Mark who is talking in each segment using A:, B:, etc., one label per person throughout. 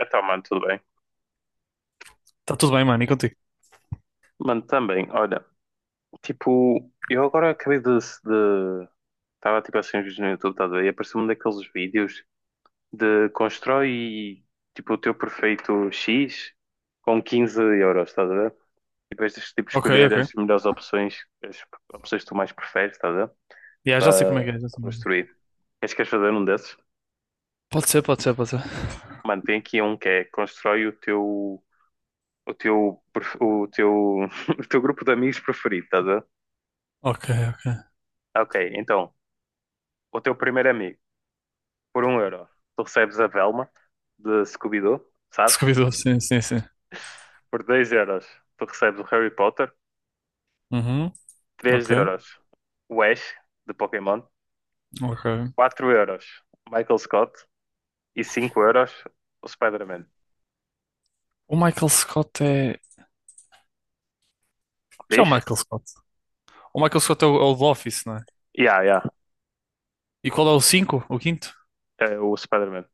A: Então, mano, tudo bem.
B: Tá tudo bem, mano, e contigo?
A: Mano, também, olha, tipo, eu agora acabei de... estava, tipo, assim, uns vídeos no YouTube, tá, a ver, e apareceu um daqueles vídeos de constrói, tipo, o teu perfeito X com 15 euros, estás a ver? E depois tens de, tipo,
B: Ok,
A: escolher
B: ok.
A: as melhores opções, as opções que tu mais preferes, estás a ver?
B: Yeah, já sei como é
A: Para
B: que é, já
A: para
B: sei como é que é.
A: construir. Acho que queres fazer um desses?
B: Pode ser, pode ser, pode ser.
A: Mano, tem aqui um que é constrói o teu... O teu, perf- o teu, o teu grupo de amigos preferido, estás a ver?
B: Ok, ok.
A: Ok, então, o teu primeiro amigo, por 1 euro, tu recebes a Velma de Scooby-Doo, sabes?
B: Scooby-Doo, sim, sim, sim.
A: Por 2 euros, tu recebes o Harry Potter.
B: Uhum,
A: três
B: ok,
A: euros, o Ash de Pokémon.
B: ok.
A: 4 euros, Michael Scott. E 5 euros, o Spider-Man.
B: O Michael Scott é... Que é o
A: Diz?
B: Michael Scott? O Michael Scott é o do Office, não é?
A: Yeah, yeah,
B: E qual é o cinco? O quinto?
A: é o Spider-Man.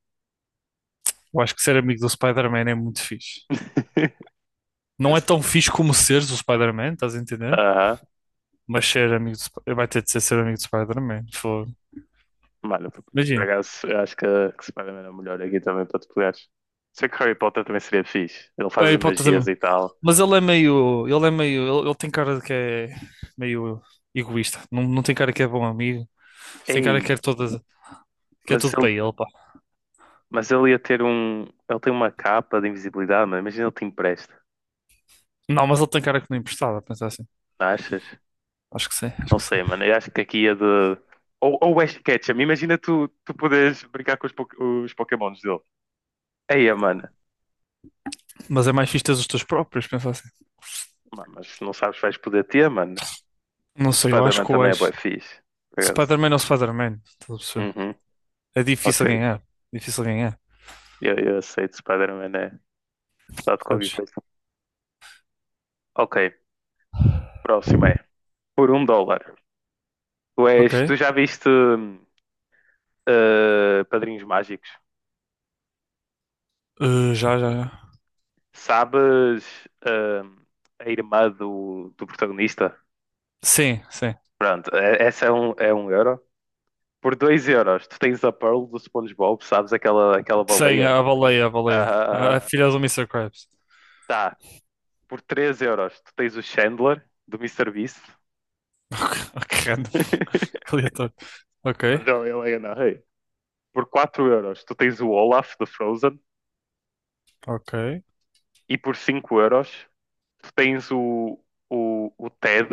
B: Eu acho que ser amigo do Spider-Man é muito fixe. Não é tão fixe como seres o Spider-Man, estás a entender?
A: Aham.
B: Mas ser amigo do... Sp- vai ter de ser ser amigo do Spider-Man, fogo.
A: Mano, por
B: Imagina.
A: acaso, eu acho que Spider-Man é o melhor aqui também para te pegares. Sei que Harry Potter também seria fixe. Ele faz as
B: Harry Potter
A: magias
B: também.
A: e tal.
B: Mas ele é meio. Ele é meio. Ele tem cara de que é meio egoísta. Não, não tem cara que é bom amigo. Tem cara que
A: Ei,
B: quer todas, que é
A: mas
B: tudo
A: ele,
B: para ele, pá.
A: mas ele ia ter um. Ele tem uma capa de invisibilidade, mano. Imagina ele te empresta.
B: Não, mas ele tem cara que não emprestava, pensar assim.
A: Não achas?
B: Acho que sim, acho
A: Não
B: que sim.
A: sei, mano. Eu acho que aqui ia de. Ou Ash Ketchum. Imagina tu poderes brincar com os Pokémons dele. Aí, mano.
B: Mas é mais fixe teres os teus próprios, pensar assim.
A: Mas não sabes se vais poder ter, mano.
B: Não sei, eu acho
A: Spider-Man
B: que o
A: também é bué
B: Ash.
A: fixe. Por acaso.
B: Spider-Man é o Spider-Man, estás a perceber?
A: Uhum.
B: É
A: Ok.
B: difícil ganhar. Difícil ganhar.
A: Eu aceito. Spider-Man é. Se dá de qualquer
B: Percebes?
A: coisa. Ok. Próximo é. Por 1 dólar. Tu és.
B: Ok.
A: Tu já viste. Padrinhos Mágicos?
B: Já, já, já.
A: Sabes, ahm, a irmã do protagonista?
B: Sim, sim.
A: Pronto, essa é um euro. Por 2 euros, tu tens a Pearl do SpongeBob, sabes aquela
B: Sim,
A: baleia?
B: a baleia, a baleia.
A: Aham, aham.
B: A filha do Mister Krabs.
A: Tá. Por 3 euros, tu tens o Chandler do Mister Beast.
B: Que random. Que aleatório. Ok,
A: Mas ele é na rei. Por quatro euros, tu tens o Olaf do Frozen.
B: ok.
A: E por 5 euros, tu tens o Ted,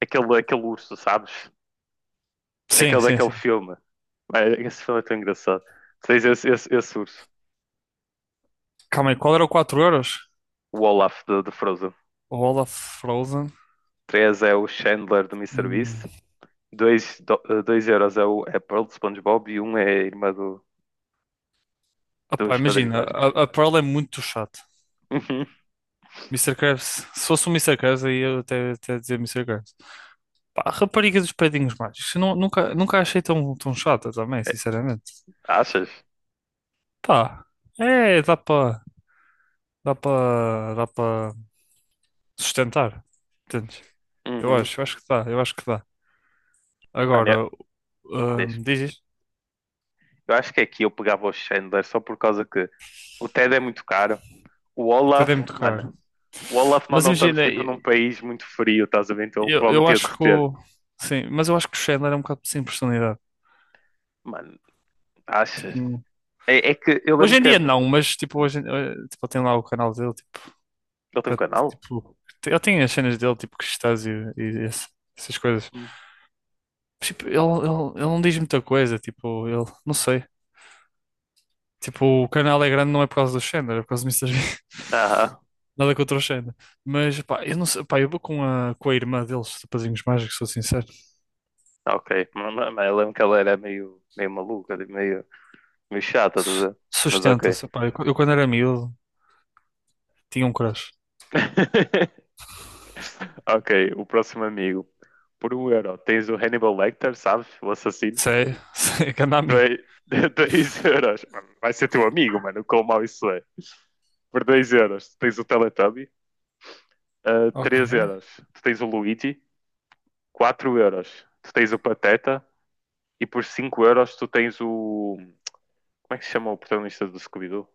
A: aquele urso, sabes?
B: Sim,
A: Aquele
B: sim,
A: daquele
B: sim.
A: filme. Ah, esse filme é tão engraçado. Tens esse urso,
B: Calma aí, qual era o 4 euros?
A: o Olaf de Frozen.
B: O Olaf Frozen.
A: 3 é o Chandler do
B: Hum.
A: MrBeast. 2 dois euros é o é Pearl de SpongeBob e um é a irmã do,
B: Opá,
A: dos Padrinhos
B: imagina, a,
A: Mágicos.
B: a Pearl é muito chato.
A: Uhum.
B: Mister Krabs, se fosse o Mr. Krabs, aí eu até, até dizer Mister Krabs. Pá, a rapariga dos Pedinhos Mágicos, eu nunca a achei tão, tão chata também, sinceramente.
A: Achas?
B: Pá, é, dá para sustentar, entendes?
A: Uhum.
B: Eu acho que dá, eu acho que dá.
A: Mano,
B: Agora,
A: deixa.
B: diz.
A: Eu acho que aqui eu pegava o Chandler só por causa que o Ted é muito caro. O
B: O Ted é
A: Olaf,
B: muito caro.
A: mano, o Olaf nós
B: Mas
A: não estamos
B: imagina,
A: tipo num país muito frio, estás a ver? Então ele
B: eu
A: provavelmente ia
B: acho que
A: derreter.
B: o... Sim, mas eu acho que o Chandler é um bocado sem personalidade.
A: Mano,
B: Tipo,
A: achas?
B: não-
A: É que eu
B: hoje
A: lembro
B: em
A: que
B: dia
A: ele
B: não, mas tipo, hoje, em- tipo, ele tem lá o canal dele, tipo,
A: tem
B: que
A: um
B: é,
A: canal?
B: tipo, te- ele tem as cenas dele, tipo, Crustáceo e esse- essas coisas.
A: Hum.
B: Mas, tipo, ele não diz muita coisa, tipo, ele, não sei. Tipo, o canal é grande não é por causa do Chandler, é por causa do Mister Bean.
A: Aham,
B: Nada contra o Chandler. Mas, pá, eu não sei, pá, eu vou com a irmã deles, os Rapazinhos Mágicos, sou sincero.
A: ok. Mas eu lembro que ela era meio maluca, tipo, meio chata, tá a
B: Su-
A: ver? Mas ok.
B: sustenta-se. Pá, eu quando era miúdo tinha um crush.
A: Ok, o próximo amigo. Por 1 euro, tens o Hannibal Lecter, sabes? O assassino.
B: Sei, sei, grande amigo.
A: Dois 2 euros. Mano, vai ser teu amigo, mano. Quão mau isso é. Por 2 euros, tens o Teletubby. Ah,
B: Ok.
A: 3 euros, tu tens o Luigi. 4 euros, tu tens o Pateta. E por 5 euros, tu tens o... Como é que se chama o protagonista do Scooby-Doo?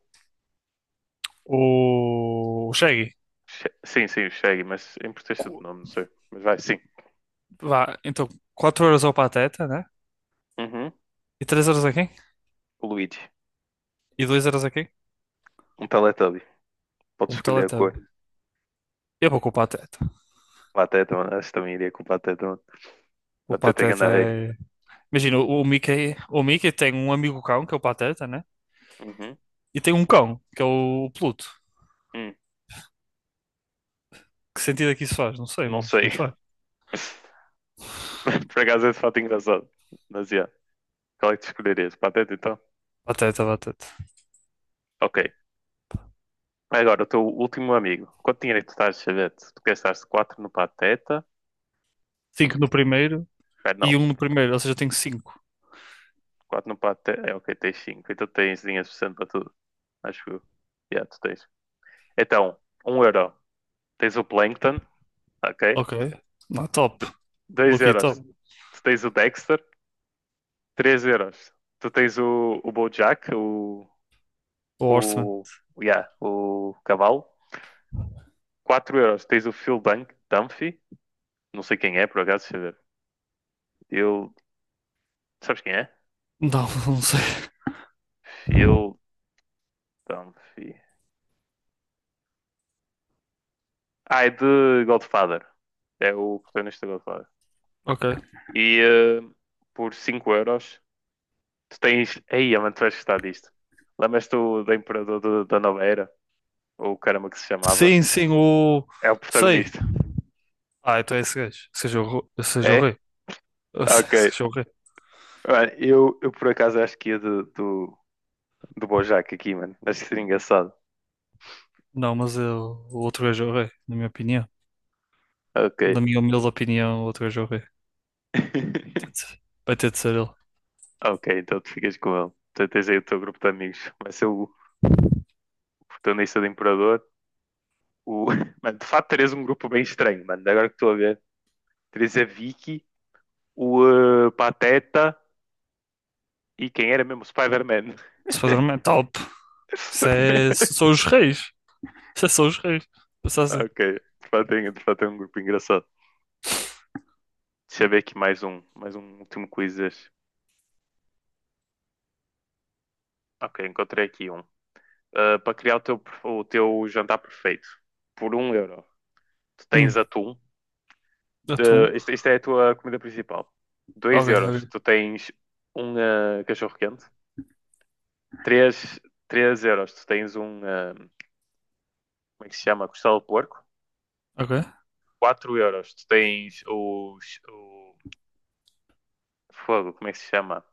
B: O Shaggy.
A: Sim, sim, o Shaggy, mas em protesta de
B: Cu-
A: nome, não sei. Mas vai, sim.
B: vá, então 4 euros ao Pateta, né?
A: Uhum.
B: E 3 euros a quem?
A: O Luigi.
B: E 2 euros a quem?
A: Um Teletubby. Pode
B: Um
A: escolher a cor.
B: Teletubby. Eu vou com o Pateta.
A: Pateta, mano. Acho que também iria com Pateta, mano.
B: O
A: Pateta que
B: Pateta
A: anda rei.
B: é... Imagina, o Mickey tem um amigo cão, que é o Pateta, né?
A: Uhum.
B: E tem um cão, que é o Pluto.
A: Hum,
B: Que sentido é que isso faz? Não sei,
A: não sei.
B: mas faz.
A: Por acaso esse fato é engraçado. Mas, yeah. Qual é que tu escolherias? Pateta, então?
B: Pateta, Pateta.
A: Ok. Agora, o teu último amigo. Quanto dinheiro é que tu estás de chavete? Tu gastaste 4 no Pateta?
B: Cinco no primeiro
A: Pera,
B: e
A: não.
B: um no primeiro, ou seja, eu tenho cinco.
A: Quatro no Pateta. É, ok, tens cinco. Então tens dinheiro suficiente para tudo. Acho que... Yeah, tu tens. Então, um euro. Tens o Plankton, ok?
B: Ok. Não, top.
A: D 2
B: Lucky
A: euros.
B: top.
A: Tu tens o Dexter, 3 euros. Tu tens o BoJack,
B: O Horseman.
A: o, yeah, o cavalo, 4 euros. Tens o Phil Dunphy, não sei quem é, por acaso, deixa eu ver. Phil, sabes quem é?
B: Não, não sei.
A: Phil Dunphy. Ah, é de Godfather. É o protagonista de Godfather.
B: Ok.
A: E eh, por 5 euros, tu tens... Ei, mano, tu vais gostar disto. Lembras-te do Imperador da Nova Era? Ou o caramba que se chamava,
B: Sim, sim, o.
A: é o
B: Sei.
A: protagonista.
B: Ah, então é esse gajo. Seja o, ro- seja o
A: É?
B: rei.
A: Ok.
B: Seja o rei.
A: Mano, eu por acaso acho que ia do Bojack aqui, mano. Acho que seria engraçado.
B: Não, mas é o outro gajo é o rei, na minha opinião.
A: Ok.
B: Na minha humilde opinião, o outro gajo é o rei. Vai ter de ser ele.
A: Ok, então tu ficas com ele. Tu tens aí o teu grupo de amigos. Vai ser o protagonista do Imperador. O... Mano, de facto, terias um grupo bem estranho, mano. Agora que estou a ver. Terias a Vicky, o Pateta e quem era mesmo? O Spider-Man.
B: Se fazer um top. Isso é. São os reis. Isso é só os reis. Pensa assim.
A: Ok, de facto, de facto é um grupo engraçado. Deixa eu ver aqui mais um último quiz. Ok, encontrei aqui um. Ah, para criar o teu jantar perfeito, por 1 euro, tu
B: Hum.
A: tens atum.
B: Atum.
A: Isto é a tua comida principal. Dois
B: Ok,
A: euros,
B: ok.
A: tu tens um cachorro-quente. Três, três euros, tu tens um... como é que se chama? Costela de porco.
B: Ok.
A: 4 euros, tu tens o, fogo, como é que se chama?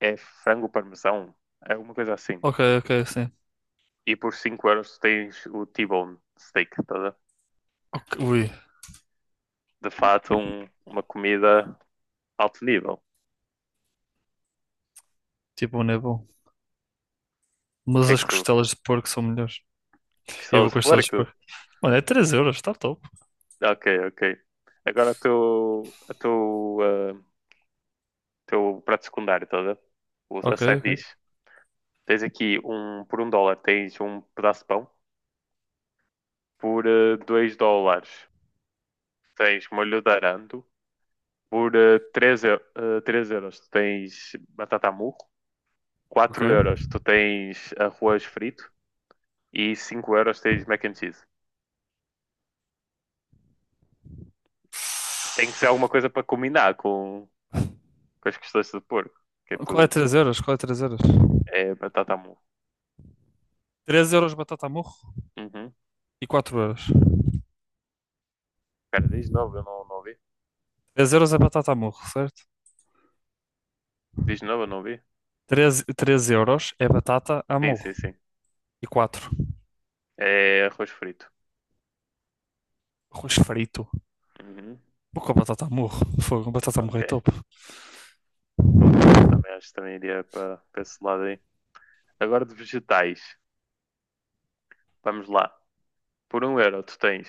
A: É frango parmesão? É alguma coisa assim.
B: Ok, ok, sim.
A: E por 5 euros, tu tens o T-bone steak. Tá? A ver?
B: Ok, ui.
A: De fato, uma comida alto nível. O
B: Tipo, não é bom.
A: que
B: Mas
A: é que
B: as
A: tu.
B: costelas de porco são melhores. E eu vou
A: Pistolas de
B: com as todas
A: porco?
B: por. Mano, é 3 euros, está top.
A: Ok, ok. Agora o teu prato secundário, toda. A ver? A
B: Ok,
A: side
B: ok,
A: dish. Tens aqui um, por 1 dólar tens um pedaço de pão. Por 2 dólares tens molho de arando. Por três euros tu tens batata murro.
B: ok.
A: 4 euros tu tens arroz frito. E 5 euros tens mac and cheese. Tem que ser alguma coisa para combinar com as questões de porco. Que é
B: Qual é
A: tu
B: 3 euros? Qual é 3 euros?
A: é batata mole.
B: Três euros batata murro
A: Uhum.
B: e 4 euros.
A: Cara, diz de novo, eu não ouvi.
B: Três euros é batata a murro, certo?
A: Diz de novo, eu não ouvi.
B: Três euros é batata a
A: Sim,
B: murro
A: sim, sim.
B: e quatro.
A: É arroz frito.
B: Arroz frito.
A: Uhum.
B: Vou com batata a murro. Fogo, batata a murro
A: Ok,
B: é top.
A: concordo. Também acho que também iria para esse lado aí. Agora de vegetais. Vamos lá. Por 1 euro, tu tens,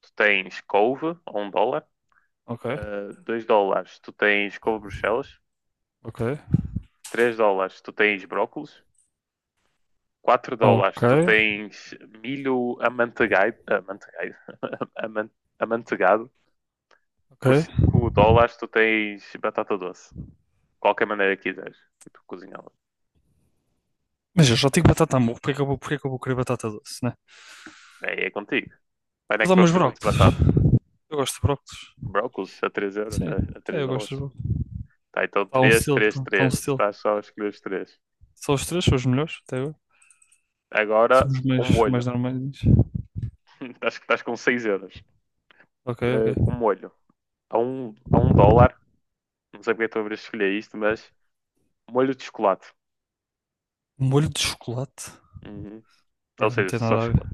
A: tu tens couve, ou 1 dólar.
B: Ok,
A: 2 dólares, tu tens couve Bruxelas.
B: ok,
A: 3 dólares, tu tens brócolis. Quatro
B: ok,
A: dólares, tu tens milho amanteigado. Amanteigado. aman- Amanteigado.
B: ok.
A: Por 5 dólares tu tens batata doce. Qualquer maneira que quiseres. E tu cozinhá-la.
B: Mas eu já tenho batata a murro, porque é que eu vou, porque é que eu vou querer batata doce, né?
A: É contigo. Mas não é
B: Vou
A: que
B: dar
A: tu
B: meus
A: gostas muito de
B: brócolos.
A: batata.
B: Eu gosto de brócolos.
A: Brócolis a 3 euros,
B: Sim,
A: a
B: é,
A: 3
B: eu gosto de
A: dólares.
B: brócolos.
A: Tá, então
B: Está um
A: três
B: estilo,
A: três
B: está um
A: três Tu
B: estilo.
A: estás só a escolher os 3.
B: Só os três são os melhores até agora.
A: Agora,
B: Somos
A: um
B: mais,
A: molho.
B: mais normais.
A: Estás com 6 euros.
B: Ok, ok.
A: Um molho. A a um dólar. Não sei porque estou a escolher isto, mas molho de chocolate.
B: Molho de chocolate.
A: Uhum. Ou
B: Yeah, não
A: seja,
B: tem
A: só
B: nada a ver.
A: chocolate.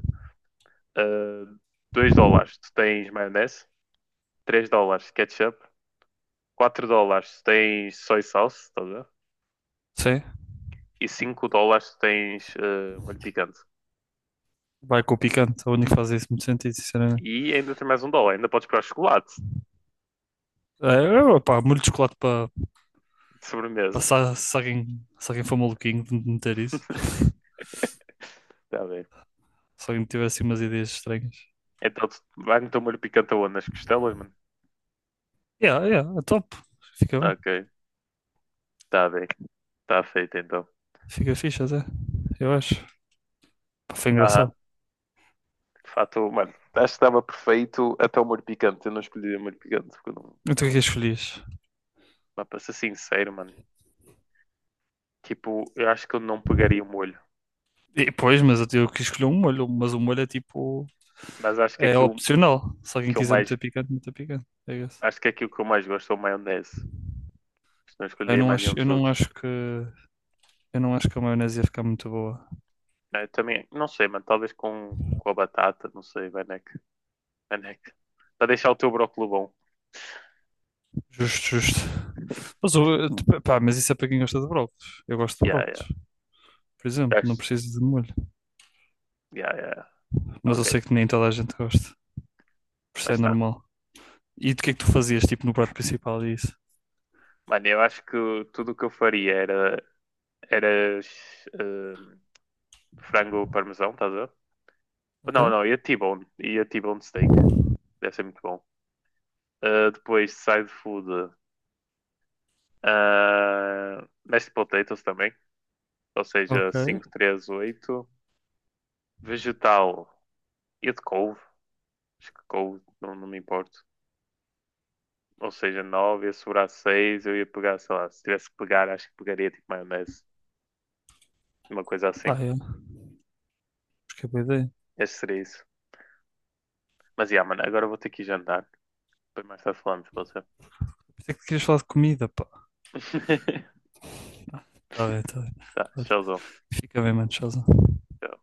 A: Eh, 2 dólares tu tens maionese, 3 dólares ketchup, 4 dólares se tens soy sauce, estás a ver?
B: Sim,
A: E 5 dólares se tens molho picante.
B: vai com o picante. É o único que faz isso muito sentido, sinceramente.
A: E ainda tem mais 1 dólar, ainda podes comprar chocolate
B: É, opá, molho de chocolate para
A: de sobremesa.
B: passar se alguém, se alguém for maluquinho de meter isso.
A: Está bem.
B: Se alguém tiver assim umas ideias estranhas.
A: Então, vai no teu molho picante aonde? Nas costelas, mano?
B: Yeah, yeah, é top. Fica bem.
A: Ok, está bem. Está feito então.
B: Fica fixe até. Eu acho. Pá, foi
A: Aham.
B: engraçado.
A: De fato, mano, acho que estava perfeito até o molho picante. Eu não escolhi o molho picante, porque eu não.
B: Então o que é que escolhias?
A: Mas para ser sincero, mano, tipo, eu acho que eu não pegaria o molho.
B: E, pois, mas eu quis escolher um molho, mas o molho é tipo...
A: Mas acho que
B: É
A: aquilo
B: opcional. Se alguém
A: que eu
B: quiser
A: mais.
B: meter picante, meter picante. É isso.
A: Acho que aquilo que eu mais gosto é o maionese. Se não escolheria mais nenhum
B: Eu
A: dos
B: não
A: outros.
B: acho que, eu não acho que a maionese ia ficar muito boa.
A: Ah, eu também, não sei, mano. Talvez com a batata, não sei, Vanek. Vanek. Para deixar o teu brócolo bom.
B: Justo, justo. Mas, o- tipo, pá, mas isso é para quem gosta de brócolos. Eu gosto de
A: Yeah,
B: brócolos,
A: yeah.
B: por exemplo. Não
A: Acho-
B: preciso de molho.
A: Yeah, yeah. Yeah.
B: Mas
A: Ok,
B: eu sei que nem toda a gente gosta. Por isso
A: mas
B: é
A: está.
B: normal. E do que é que tu fazias, tipo, no prato principal e isso?
A: Mano, eu acho que tudo o que eu faria era ehm, frango parmesão, estás a ver?
B: Ok?
A: Não, não, ia T-bone. Ia T-bone steak. Deve ser muito bom. Ah, depois, side food. Mashed potatoes também. Ou seja,
B: Ok.
A: 5 3 8 vegetal. Ia de couve. Acho que com, não, não me importo. Ou seja, 9 ia sobrar 6 eu ia pegar, sei lá, se tivesse que pegar, acho que pegaria tipo maionese, uma coisa
B: Ah,
A: assim.
B: é. Acho que é boa ideia.
A: Este seria isso. Mas yeah, mano, agora eu vou ter que ir jantar. Depois mais tarde falamos, pode você
B: Pensei que querias falar de comida, pá. Tá bem, tá bem.
A: Tá,
B: Olha,
A: tchauzão.
B: fica bem, mano. Tchauzão.
A: Tchau.